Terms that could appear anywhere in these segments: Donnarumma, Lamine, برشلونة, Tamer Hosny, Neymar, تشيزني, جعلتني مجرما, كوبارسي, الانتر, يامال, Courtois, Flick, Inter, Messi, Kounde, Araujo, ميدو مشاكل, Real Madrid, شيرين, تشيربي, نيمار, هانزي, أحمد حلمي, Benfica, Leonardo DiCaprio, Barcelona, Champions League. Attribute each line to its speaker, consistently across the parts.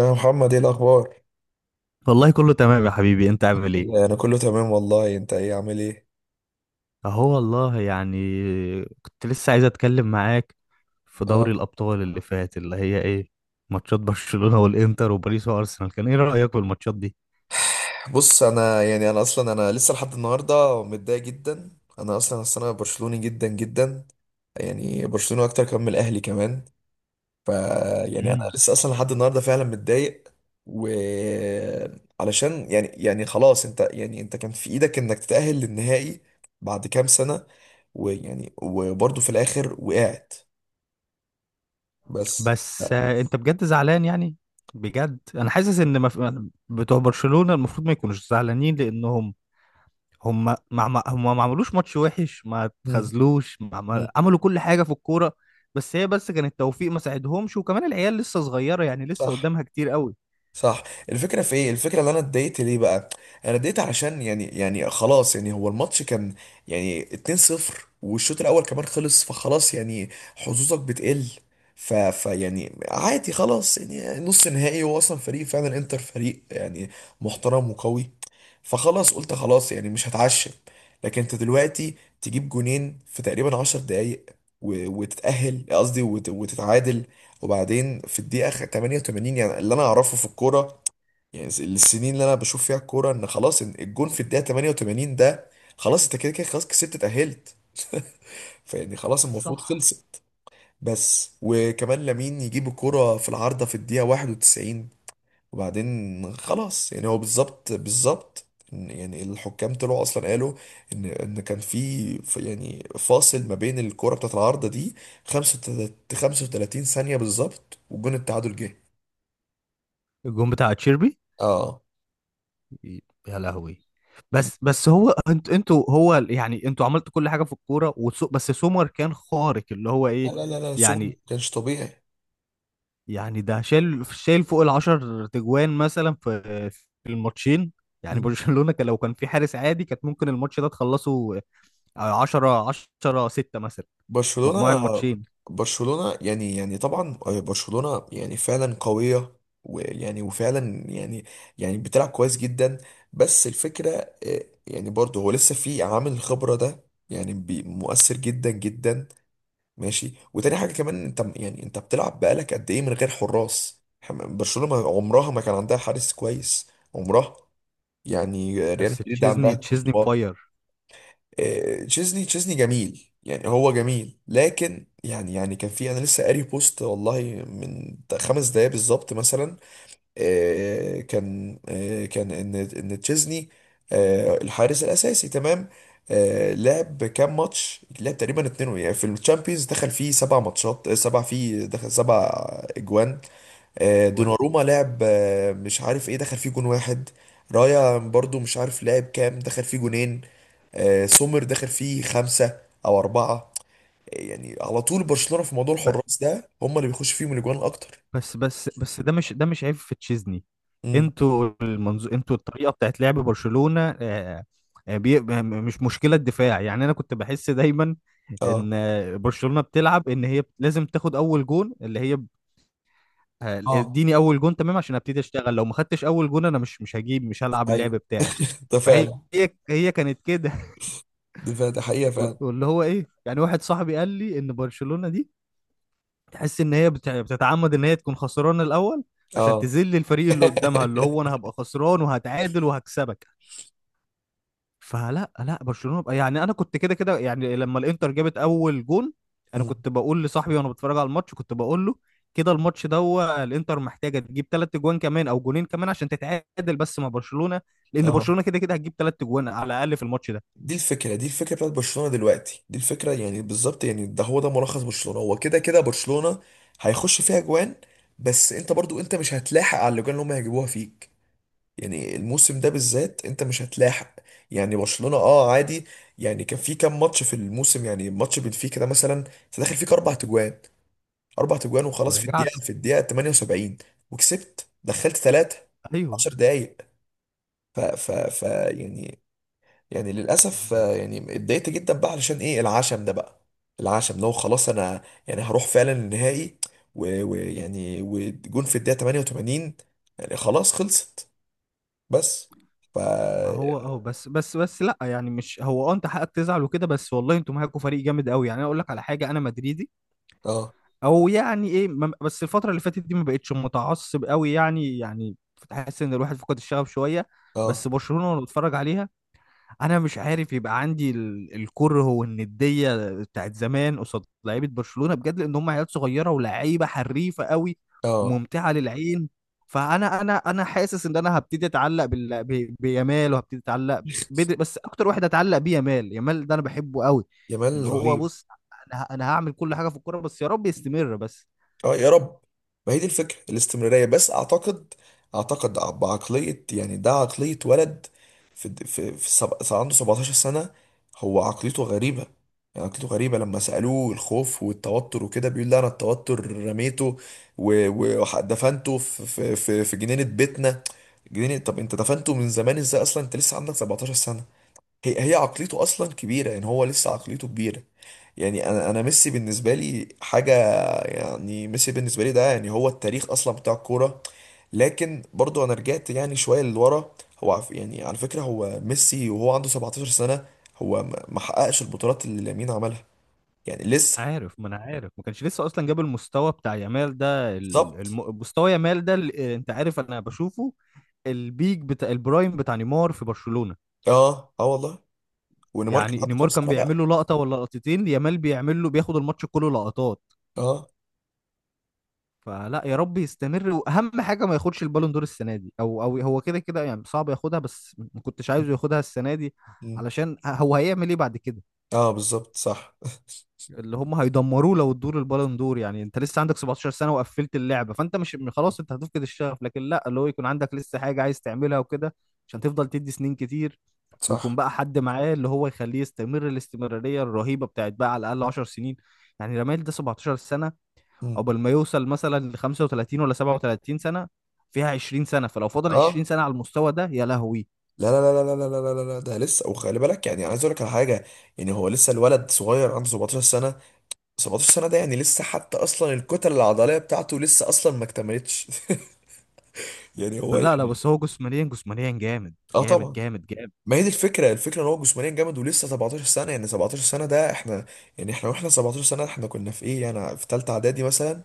Speaker 1: يا محمد، ايه الاخبار؟
Speaker 2: والله كله تمام يا حبيبي، انت عامل ايه؟
Speaker 1: انا كله تمام والله. انت ايه، عامل ايه؟
Speaker 2: اهو والله يعني. كنت لسه عايز اتكلم معاك في دوري
Speaker 1: أه.
Speaker 2: الابطال اللي فات، اللي هي ايه، ماتشات برشلونة والانتر وباريس وارسنال. كان ايه رأيك في الماتشات دي؟
Speaker 1: بص، انا اصلا لسه لحد النهارده متضايق جدا. انا اصلا أصل انا برشلوني جدا جدا. يعني برشلوني اكتر كمان من الاهلي كمان. ف يعني انا
Speaker 2: مم.
Speaker 1: لسه اصلا لحد النهارده فعلا متضايق. و علشان يعني خلاص، انت كان في ايدك انك تتأهل للنهائي بعد كام سنه، ويعني وبرضه في الاخر وقعت. بس.
Speaker 2: بس آه، انت بجد زعلان يعني؟ بجد انا حاسس ان مف... بتوع برشلونة المفروض ما يكونوش زعلانين لانهم هم ما عملوش ماتش وحش، ما
Speaker 1: مم.
Speaker 2: اتخاذلوش، ما
Speaker 1: مم.
Speaker 2: عمل... عملوا كل حاجه في الكوره. بس كان التوفيق ما ساعدهمش، وكمان العيال لسه صغيره، يعني لسه
Speaker 1: صح،
Speaker 2: قدامها كتير قوي.
Speaker 1: صح. الفكرة في ايه؟ الفكرة اللي انا اتضايقت ليه بقى، انا اتضايقت علشان يعني خلاص يعني هو الماتش كان يعني 2-0، والشوط الاول كمان خلص. فخلاص يعني، حظوظك بتقل. ف ف يعني عادي خلاص، يعني نص نهائي. هو اصلا فريق، فعلا انتر فريق يعني محترم وقوي. فخلاص قلت خلاص يعني مش هتعشم. لكن انت دلوقتي تجيب جونين في تقريبا 10 دقايق، وتتعادل، وبعدين في الدقيقة 88، يعني اللي أنا أعرفه في الكورة، يعني السنين اللي أنا بشوف فيها الكورة، إن خلاص، إن الجون في الدقيقة 88 ده، خلاص أنت كده كده خلاص، كسبت، اتأهلت. فيعني خلاص المفروض
Speaker 2: صح.
Speaker 1: خلصت. بس وكمان لامين يجيب الكرة في العارضة في الدقيقة 91، وبعدين خلاص. يعني هو بالظبط بالظبط، يعني الحكام طلعوا اصلا قالوا ان كان في يعني فاصل ما بين الكرة بتاعت العارضة دي، 35 ثانية بالظبط، وجون التعادل جه.
Speaker 2: الجون بتاع تشيربي.
Speaker 1: اه
Speaker 2: يا لهوي.
Speaker 1: كان.
Speaker 2: بس هو انت انتوا هو يعني انتوا عملتوا كل حاجه في الكوره، وسو بس سومر كان خارق، اللي هو
Speaker 1: لا
Speaker 2: ايه
Speaker 1: لا لا لا، سوبر ما
Speaker 2: يعني.
Speaker 1: كانش طبيعي.
Speaker 2: يعني ده شايل فوق العشر تجوان مثلا في في الماتشين. يعني
Speaker 1: مم.
Speaker 2: برشلونه كان، لو كان في حارس عادي، كانت ممكن الماتش ده تخلصه 10. 10 6 مثلا،
Speaker 1: برشلونة،
Speaker 2: مجموع الماتشين.
Speaker 1: برشلونة يعني طبعا. برشلونة يعني فعلا قوية. ويعني وفعلا يعني، يعني بتلعب كويس جدا. بس الفكرة، يعني برضه هو لسه في عامل الخبرة ده، يعني مؤثر جدا جدا. ماشي. وتاني حاجة كمان، انت بتلعب بقالك قد ايه من غير حراس؟ برشلونة عمرها ما كان عندها حارس كويس، عمرها. يعني ريال
Speaker 2: بس
Speaker 1: مدريد عندها
Speaker 2: تشيزني
Speaker 1: كورتوا.
Speaker 2: مفير.
Speaker 1: آه، تشيزني، تشيزني جميل، يعني هو جميل، لكن يعني كان في، انا لسه قاري بوست والله من 5 دقايق بالظبط مثلا. كان ان تشيزني الحارس الاساسي، تمام. لعب كام ماتش؟ لعب تقريبا اتنين. يعني في الشامبيونز دخل فيه 7 ماتشات، آه، سبع فيه دخل 7 اجوان.
Speaker 2: جوان.
Speaker 1: دوناروما لعب، مش عارف ايه، دخل فيه جون واحد. رايا برضو مش عارف لعب كام، دخل فيه جونين. سومر دخل فيه خمسة او اربعة. يعني على طول برشلونة في موضوع
Speaker 2: ب-
Speaker 1: الحراس ده، هم اللي بيخش فيهم الاجوان اكتر.
Speaker 2: بس ده مش، ده مش عيب في تشيزني.
Speaker 1: امم
Speaker 2: انتوا المنظو... انتوا الطريقه بتاعت لعب برشلونه آه، آه، بي... م- مش مشكله الدفاع يعني. انا كنت بحس دايما
Speaker 1: اه،
Speaker 2: ان آه، برشلونه بتلعب ان هي لازم تاخد اول جون، اللي هي ب- آه،
Speaker 1: اه،
Speaker 2: اديني اول جون تمام عشان ابتدي اشتغل، لو ما خدتش اول جون انا مش هجيب، مش هلعب اللعب
Speaker 1: ايوه،
Speaker 2: بتاعي.
Speaker 1: ده
Speaker 2: فهي
Speaker 1: فعلا،
Speaker 2: هي هي كانت كده.
Speaker 1: ده فعلا، ده حقيقة
Speaker 2: وال-
Speaker 1: فعلا.
Speaker 2: واللي هو ايه يعني، واحد صاحبي قال لي ان برشلونة دي تحس ان هي بتع- بتتعمد ان هي تكون خسرانة الاول، عشان
Speaker 1: اه.
Speaker 2: تذل الفريق اللي قدامها، اللي هو انا هبقى خسران وهتعادل وهكسبك. فلا لا برشلونة بقى يعني. انا كنت كده كده يعني، لما الانتر جابت اول جون، انا
Speaker 1: مم.
Speaker 2: كنت بقول لصاحبي وانا بتفرج على الماتش، كنت بقول له كده الماتش ده، هو الانتر محتاجة تجيب ثلاث جوان كمان او جونين كمان عشان تتعادل بس مع برشلونة، لان
Speaker 1: اه،
Speaker 2: برشلونة كده كده هتجيب ثلاث جوان على الاقل في الماتش ده.
Speaker 1: دي الفكرة، دي الفكرة بتاعت برشلونة دلوقتي، دي الفكرة يعني بالظبط. يعني ده هو، ده ملخص برشلونة. هو كده كده برشلونة هيخش فيها جوان، بس انت برضو انت مش هتلاحق على الاجوان اللي هم هيجيبوها فيك. يعني الموسم ده بالذات انت مش هتلاحق. يعني برشلونة، اه، عادي. يعني كان في كام ماتش في الموسم، يعني ماتش بنفيكا ده مثلا، انت داخل فيك 4 تجوان، 4 تجوان وخلاص،
Speaker 2: ورجعته.
Speaker 1: في الدقيقة 78، وكسبت، دخلت ثلاثة
Speaker 2: ايوه.
Speaker 1: 10 دقايق. ف ف ف يعني يعني للاسف يعني اتضايقت جدا بقى، علشان ايه العشم ده بقى؟ العشم لو خلاص انا يعني هروح فعلا النهائي، و- ويعني وجون في الدقيقه 88، يعني خلاص خلصت. بس. ف
Speaker 2: ما
Speaker 1: اه
Speaker 2: هو اه، بس لا يعني، مش هو اه انت حقك تزعل وكده، بس والله انتوا معاكوا فريق جامد قوي. يعني انا اقول لك على حاجه، انا مدريدي او يعني ايه ما- بس الفتره اللي فاتت دي ما بقتش متعصب قوي يعني، يعني تحس ان الواحد فقد الشغف شويه.
Speaker 1: اه،
Speaker 2: بس برشلونه وانا بتفرج عليها، انا مش عارف يبقى عندي ال- الكره والنديه بتاعت زمان قصاد لعيبه برشلونه بجد، لان هم عيال صغيره ولعيبه حريفه قوي
Speaker 1: اه،
Speaker 2: وممتعه للعين. فانا انا انا حاسس ان انا هبتدي اتعلق بال... ب... بيامال، وهبتدي اتعلق بدري بس. اكتر واحد اتعلق بيه يامال، يامال ده انا بحبه قوي.
Speaker 1: جمال
Speaker 2: اللي هو
Speaker 1: رهيب.
Speaker 2: بص، انا هعمل كل حاجه في الكوره، بس يا رب يستمر بس.
Speaker 1: اه، يا رب. ما هي دي الفكره، الاستمراريه. بس اعتقد، اعتقد بعقليه يعني، ده عقليه ولد. عنده 17 سنه، هو عقليته غريبه. يعني عقليته غريبه. لما سالوه الخوف والتوتر وكده، بيقول لا، انا التوتر رميته و- و- ودفنته في جنينه بيتنا. جنينه، طب انت دفنته من زمان ازاي، اصلا انت لسه عندك 17 سنه؟ هي عقليته اصلا كبيره، يعني هو لسه عقليته كبيره. يعني انا ميسي بالنسبه لي حاجه. يعني ميسي بالنسبه لي ده، يعني هو التاريخ اصلا بتاع الكوره. لكن برضو انا رجعت يعني شويه لورا. يعني على فكره، هو ميسي وهو عنده 17 سنه، هو ما حققش البطولات اللي لامين عملها. يعني لسه.
Speaker 2: عارف، ما انا عارف ما كانش لسه اصلا جاب المستوى بتاع يامال ده، ال-
Speaker 1: بالظبط.
Speaker 2: الم... مستوى يامال ده ال- آه، انت عارف انا بشوفه البيك بتاع البرايم بتاع نيمار في برشلونة.
Speaker 1: اه، اه، والله. ونيمار كان
Speaker 2: يعني
Speaker 1: عنده
Speaker 2: نيمار
Speaker 1: كام
Speaker 2: كان
Speaker 1: سنه
Speaker 2: بيعمل له
Speaker 1: بقى؟
Speaker 2: لقطة ولا لقطتين، يامال بيعمل له، بياخد الماتش كله لقطات.
Speaker 1: اه.
Speaker 2: فلا، يا رب يستمر، واهم حاجة ما ياخدش البالون دور السنة دي. او او هو كده كده يعني صعب ياخدها، بس ما كنتش عايزه ياخدها السنة دي
Speaker 1: مم.
Speaker 2: علشان هو هيعمل ايه بعد كده؟
Speaker 1: اه، بالظبط، صح.
Speaker 2: اللي هم هيدمروه لو ادوا له البالون دور. يعني انت لسه عندك 17 سنه وقفلت اللعبه، فانت مش، خلاص انت هتفقد الشغف. لكن لا، اللي هو يكون عندك لسه حاجه عايز تعملها وكده، عشان تفضل تدي سنين كتير، ويكون
Speaker 1: صح.
Speaker 2: بقى حد معاه اللي هو يخليه يستمر الاستمراريه الرهيبه بتاعت بقى على الاقل 10 سنين. يعني رمال ده 17 سنه،
Speaker 1: مم.
Speaker 2: قبل ما يوصل مثلا ل 35 ولا 37 سنه، فيها 20 سنه. فلو فضل 20
Speaker 1: اه.
Speaker 2: سنه على المستوى ده، يا لهوي.
Speaker 1: لا لا لا لا لا لا لا لا لا، ده لسه. وخلي بالك، يعني عايز اقول لك على حاجه. يعني هو لسه الولد صغير، عنده 17 سنه. 17 سنة ده يعني لسه، حتى أصلا الكتل العضلية بتاعته لسه أصلا ما اكتملتش. يعني هو
Speaker 2: لا
Speaker 1: يعني.
Speaker 2: بس هو جسمانيا جامد،
Speaker 1: اه
Speaker 2: جامد
Speaker 1: طبعا.
Speaker 2: جامد جامد.
Speaker 1: ما هي دي الفكرة، الفكرة إن هو جسمانيا جامد، ولسه 17 سنة. يعني 17 سنة ده، إحنا يعني، إحنا وإحنا 17 سنة، إحنا كنا في إيه يعني؟ في تالتة إعدادي مثلا،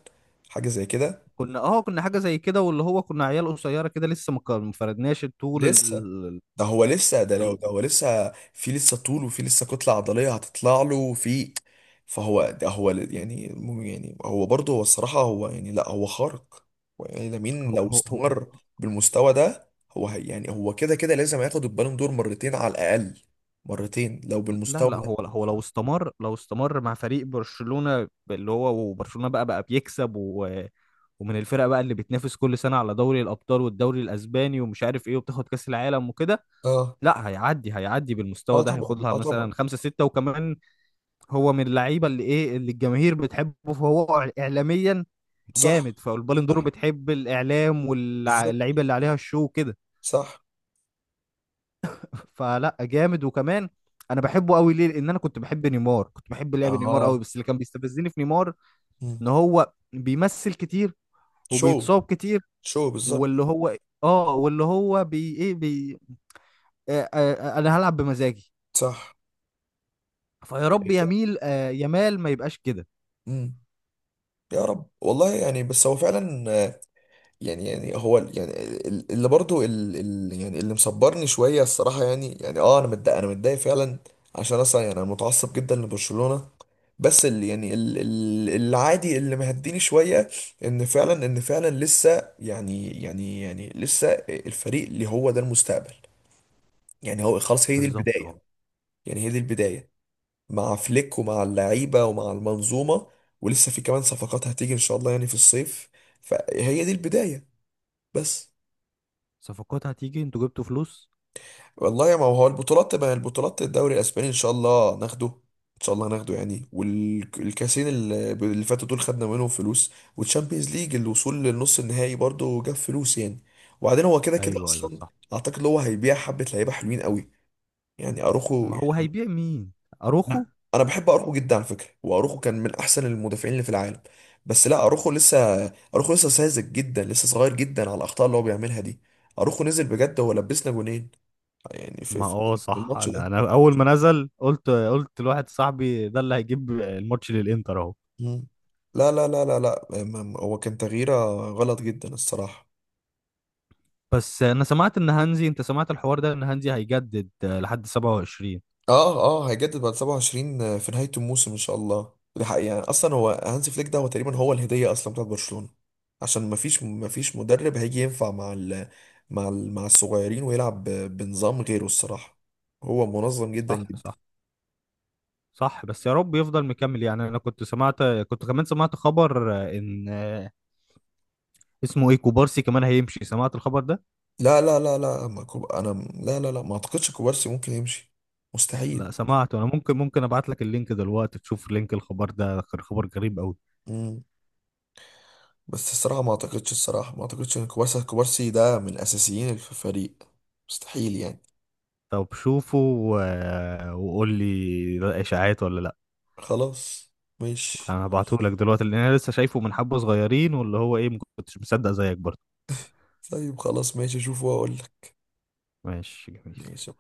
Speaker 1: حاجة زي كده.
Speaker 2: كنا اه كنا حاجه زي كده، واللي هو كنا عيال قصيره كده لسه ما كان- ما فردناش طول
Speaker 1: لسه.
Speaker 2: ال...
Speaker 1: ده هو لسه، ده
Speaker 2: في
Speaker 1: لو
Speaker 2: ال...
Speaker 1: ده هو لسه في، لسه طول وفي لسه كتلة عضلية هتطلع له، وفي. فهو ده هو يعني يعني هو برضه هو الصراحة، هو يعني لا، هو خارق. هو يعني لامين
Speaker 2: هو
Speaker 1: لو
Speaker 2: هو هو
Speaker 1: استمر بالمستوى ده، هو هي يعني هو كده كده لازم ياخد البالون دور مرتين على الأقل. مرتين لو
Speaker 2: لا
Speaker 1: بالمستوى
Speaker 2: لا
Speaker 1: ده.
Speaker 2: هو هو لو استمر، لو استمر مع فريق برشلونه، اللي هو وبرشلونه بقى بيكسب و... ومن الفرق بقى اللي بتنافس كل سنه على دوري الابطال والدوري الاسباني ومش عارف ايه، وبتاخد كاس العالم وكده،
Speaker 1: اه،
Speaker 2: لا هيعدي، هيعدي بالمستوى
Speaker 1: اه
Speaker 2: ده
Speaker 1: طبعا،
Speaker 2: هياخدها
Speaker 1: اه طبعا.
Speaker 2: مثلا خمسة ستة وكمان. هو من اللعيبه اللي ايه، اللي الجماهير بتحبه، فهو اعلاميا
Speaker 1: صح،
Speaker 2: جامد. فالبالون دور
Speaker 1: صح،
Speaker 2: بتحب الاعلام
Speaker 1: بالظبط،
Speaker 2: واللعيبه اللي عليها الشو كده.
Speaker 1: صح.
Speaker 2: فلا جامد. وكمان انا بحبه قوي ليه، لان انا كنت بحب نيمار، كنت بحب لعب نيمار قوي،
Speaker 1: اه.
Speaker 2: بس اللي كان بيستفزني في نيمار
Speaker 1: مم.
Speaker 2: ان هو بيمثل كتير
Speaker 1: شو،
Speaker 2: وبيتصاب كتير،
Speaker 1: شو بالظبط.
Speaker 2: واللي هو اه واللي هو بي ايه بي آه، انا هلعب بمزاجي.
Speaker 1: صح.
Speaker 2: فيا رب يميل آه يمال ما يبقاش كده.
Speaker 1: امم يا رب، والله. يعني بس هو فعلا. يعني هو يعني اللي برضو يعني اللي مصبرني شويه الصراحه، يعني اه انا متضايق، انا متضايق فعلا. عشان اصلا يعني انا متعصب جدا لبرشلونه. بس اللي يعني العادي اللي مهديني شويه، ان فعلا، لسه يعني لسه الفريق اللي هو ده المستقبل. يعني هو خلاص، هي دي
Speaker 2: بالظبط اه.
Speaker 1: البدايه. يعني هي دي البدايه مع فليك ومع اللعيبه ومع المنظومه. ولسه في كمان صفقات هتيجي ان شاء الله، يعني في الصيف. فهي دي البدايه. بس.
Speaker 2: صفقات هتيجي؟ انتوا جبتوا فلوس؟
Speaker 1: والله يا ما هو البطولات تبقى البطولات. الدوري الاسباني ان شاء الله ناخده، ان شاء الله ناخده يعني. والكاسين اللي فاتوا دول خدنا منهم فلوس. والتشامبيونز ليج، الوصول للنص النهائي برضو جاب فلوس يعني. وبعدين هو كده كده
Speaker 2: ايوه ايوه
Speaker 1: اصلا،
Speaker 2: صح.
Speaker 1: اعتقد هو هيبيع حبة لعيبة حلوين قوي. يعني اروخو،
Speaker 2: ما هو
Speaker 1: يعني
Speaker 2: هيبيع مين؟ اروخو؟
Speaker 1: انا بحب اروخو جدا على فكرة، واروخو كان من احسن المدافعين اللي في العالم. بس لا، اروخو لسه، اروخو لسه ساذج جدا، لسه صغير جدا على الاخطاء اللي هو بيعملها دي. اروخو نزل بجد، هو لبسنا جونين يعني في
Speaker 2: ما اه
Speaker 1: في
Speaker 2: صح،
Speaker 1: الماتش
Speaker 2: انا
Speaker 1: ده.
Speaker 2: أنا اول ما نزل قلت، قلت لواحد صاحبي ده اللي هيجيب الماتش للانتر اهو.
Speaker 1: مم. لا لا لا لا لا، هو كان تغييره غلط جدا الصراحة.
Speaker 2: بس انا سمعت ان هانزي، انت سمعت الحوار ده، ان هانزي هيجدد آه، لحد 27.
Speaker 1: اه، اه، هيجدد بعد 27 في نهاية الموسم ان شاء الله. ده حقيقي، يعني اصلا هو هانز فليك ده هو تقريبا هو الهدية اصلا بتاعت برشلونة. عشان مفيش مدرب هيجي ينفع مع ال، مع الصغيرين، ويلعب بنظام غيره، الصراحة. هو منظم جدا
Speaker 2: صح
Speaker 1: جدا.
Speaker 2: صح صح، بس يا رب يفضل مكمل. يعني انا كنت سمعت، كنت كمان سمعت خبر آه، ان آه، اسمه ايه، كوبارسي كمان هيمشي، سمعت الخبر ده؟
Speaker 1: لا لا لا لا، ما كوب... انا، لا لا لا، ما اعتقدش كوبارسي ممكن يمشي. مستحيل.
Speaker 2: لا سمعته انا، ممكن ابعت لك اللينك دلوقتي تشوف لينك الخبر ده، كان خبر غريب قوي.
Speaker 1: مم. بس الصراحة ما اعتقدش، ان كوبارسي، ده من اساسيين في الفريق. مستحيل يعني.
Speaker 2: طب شوفه و- وقول لي ده اشاعات ولا لا.
Speaker 1: خلاص، ماشي.
Speaker 2: انا هبعتهولك دلوقتي لان انا لسه شايفه من حبه صغيرين واللي هو ايه، ما كنتش مصدق زيك برضه.
Speaker 1: طيب خلاص، ماشي، اشوف واقول لك.
Speaker 2: ماشي.
Speaker 1: ماشي.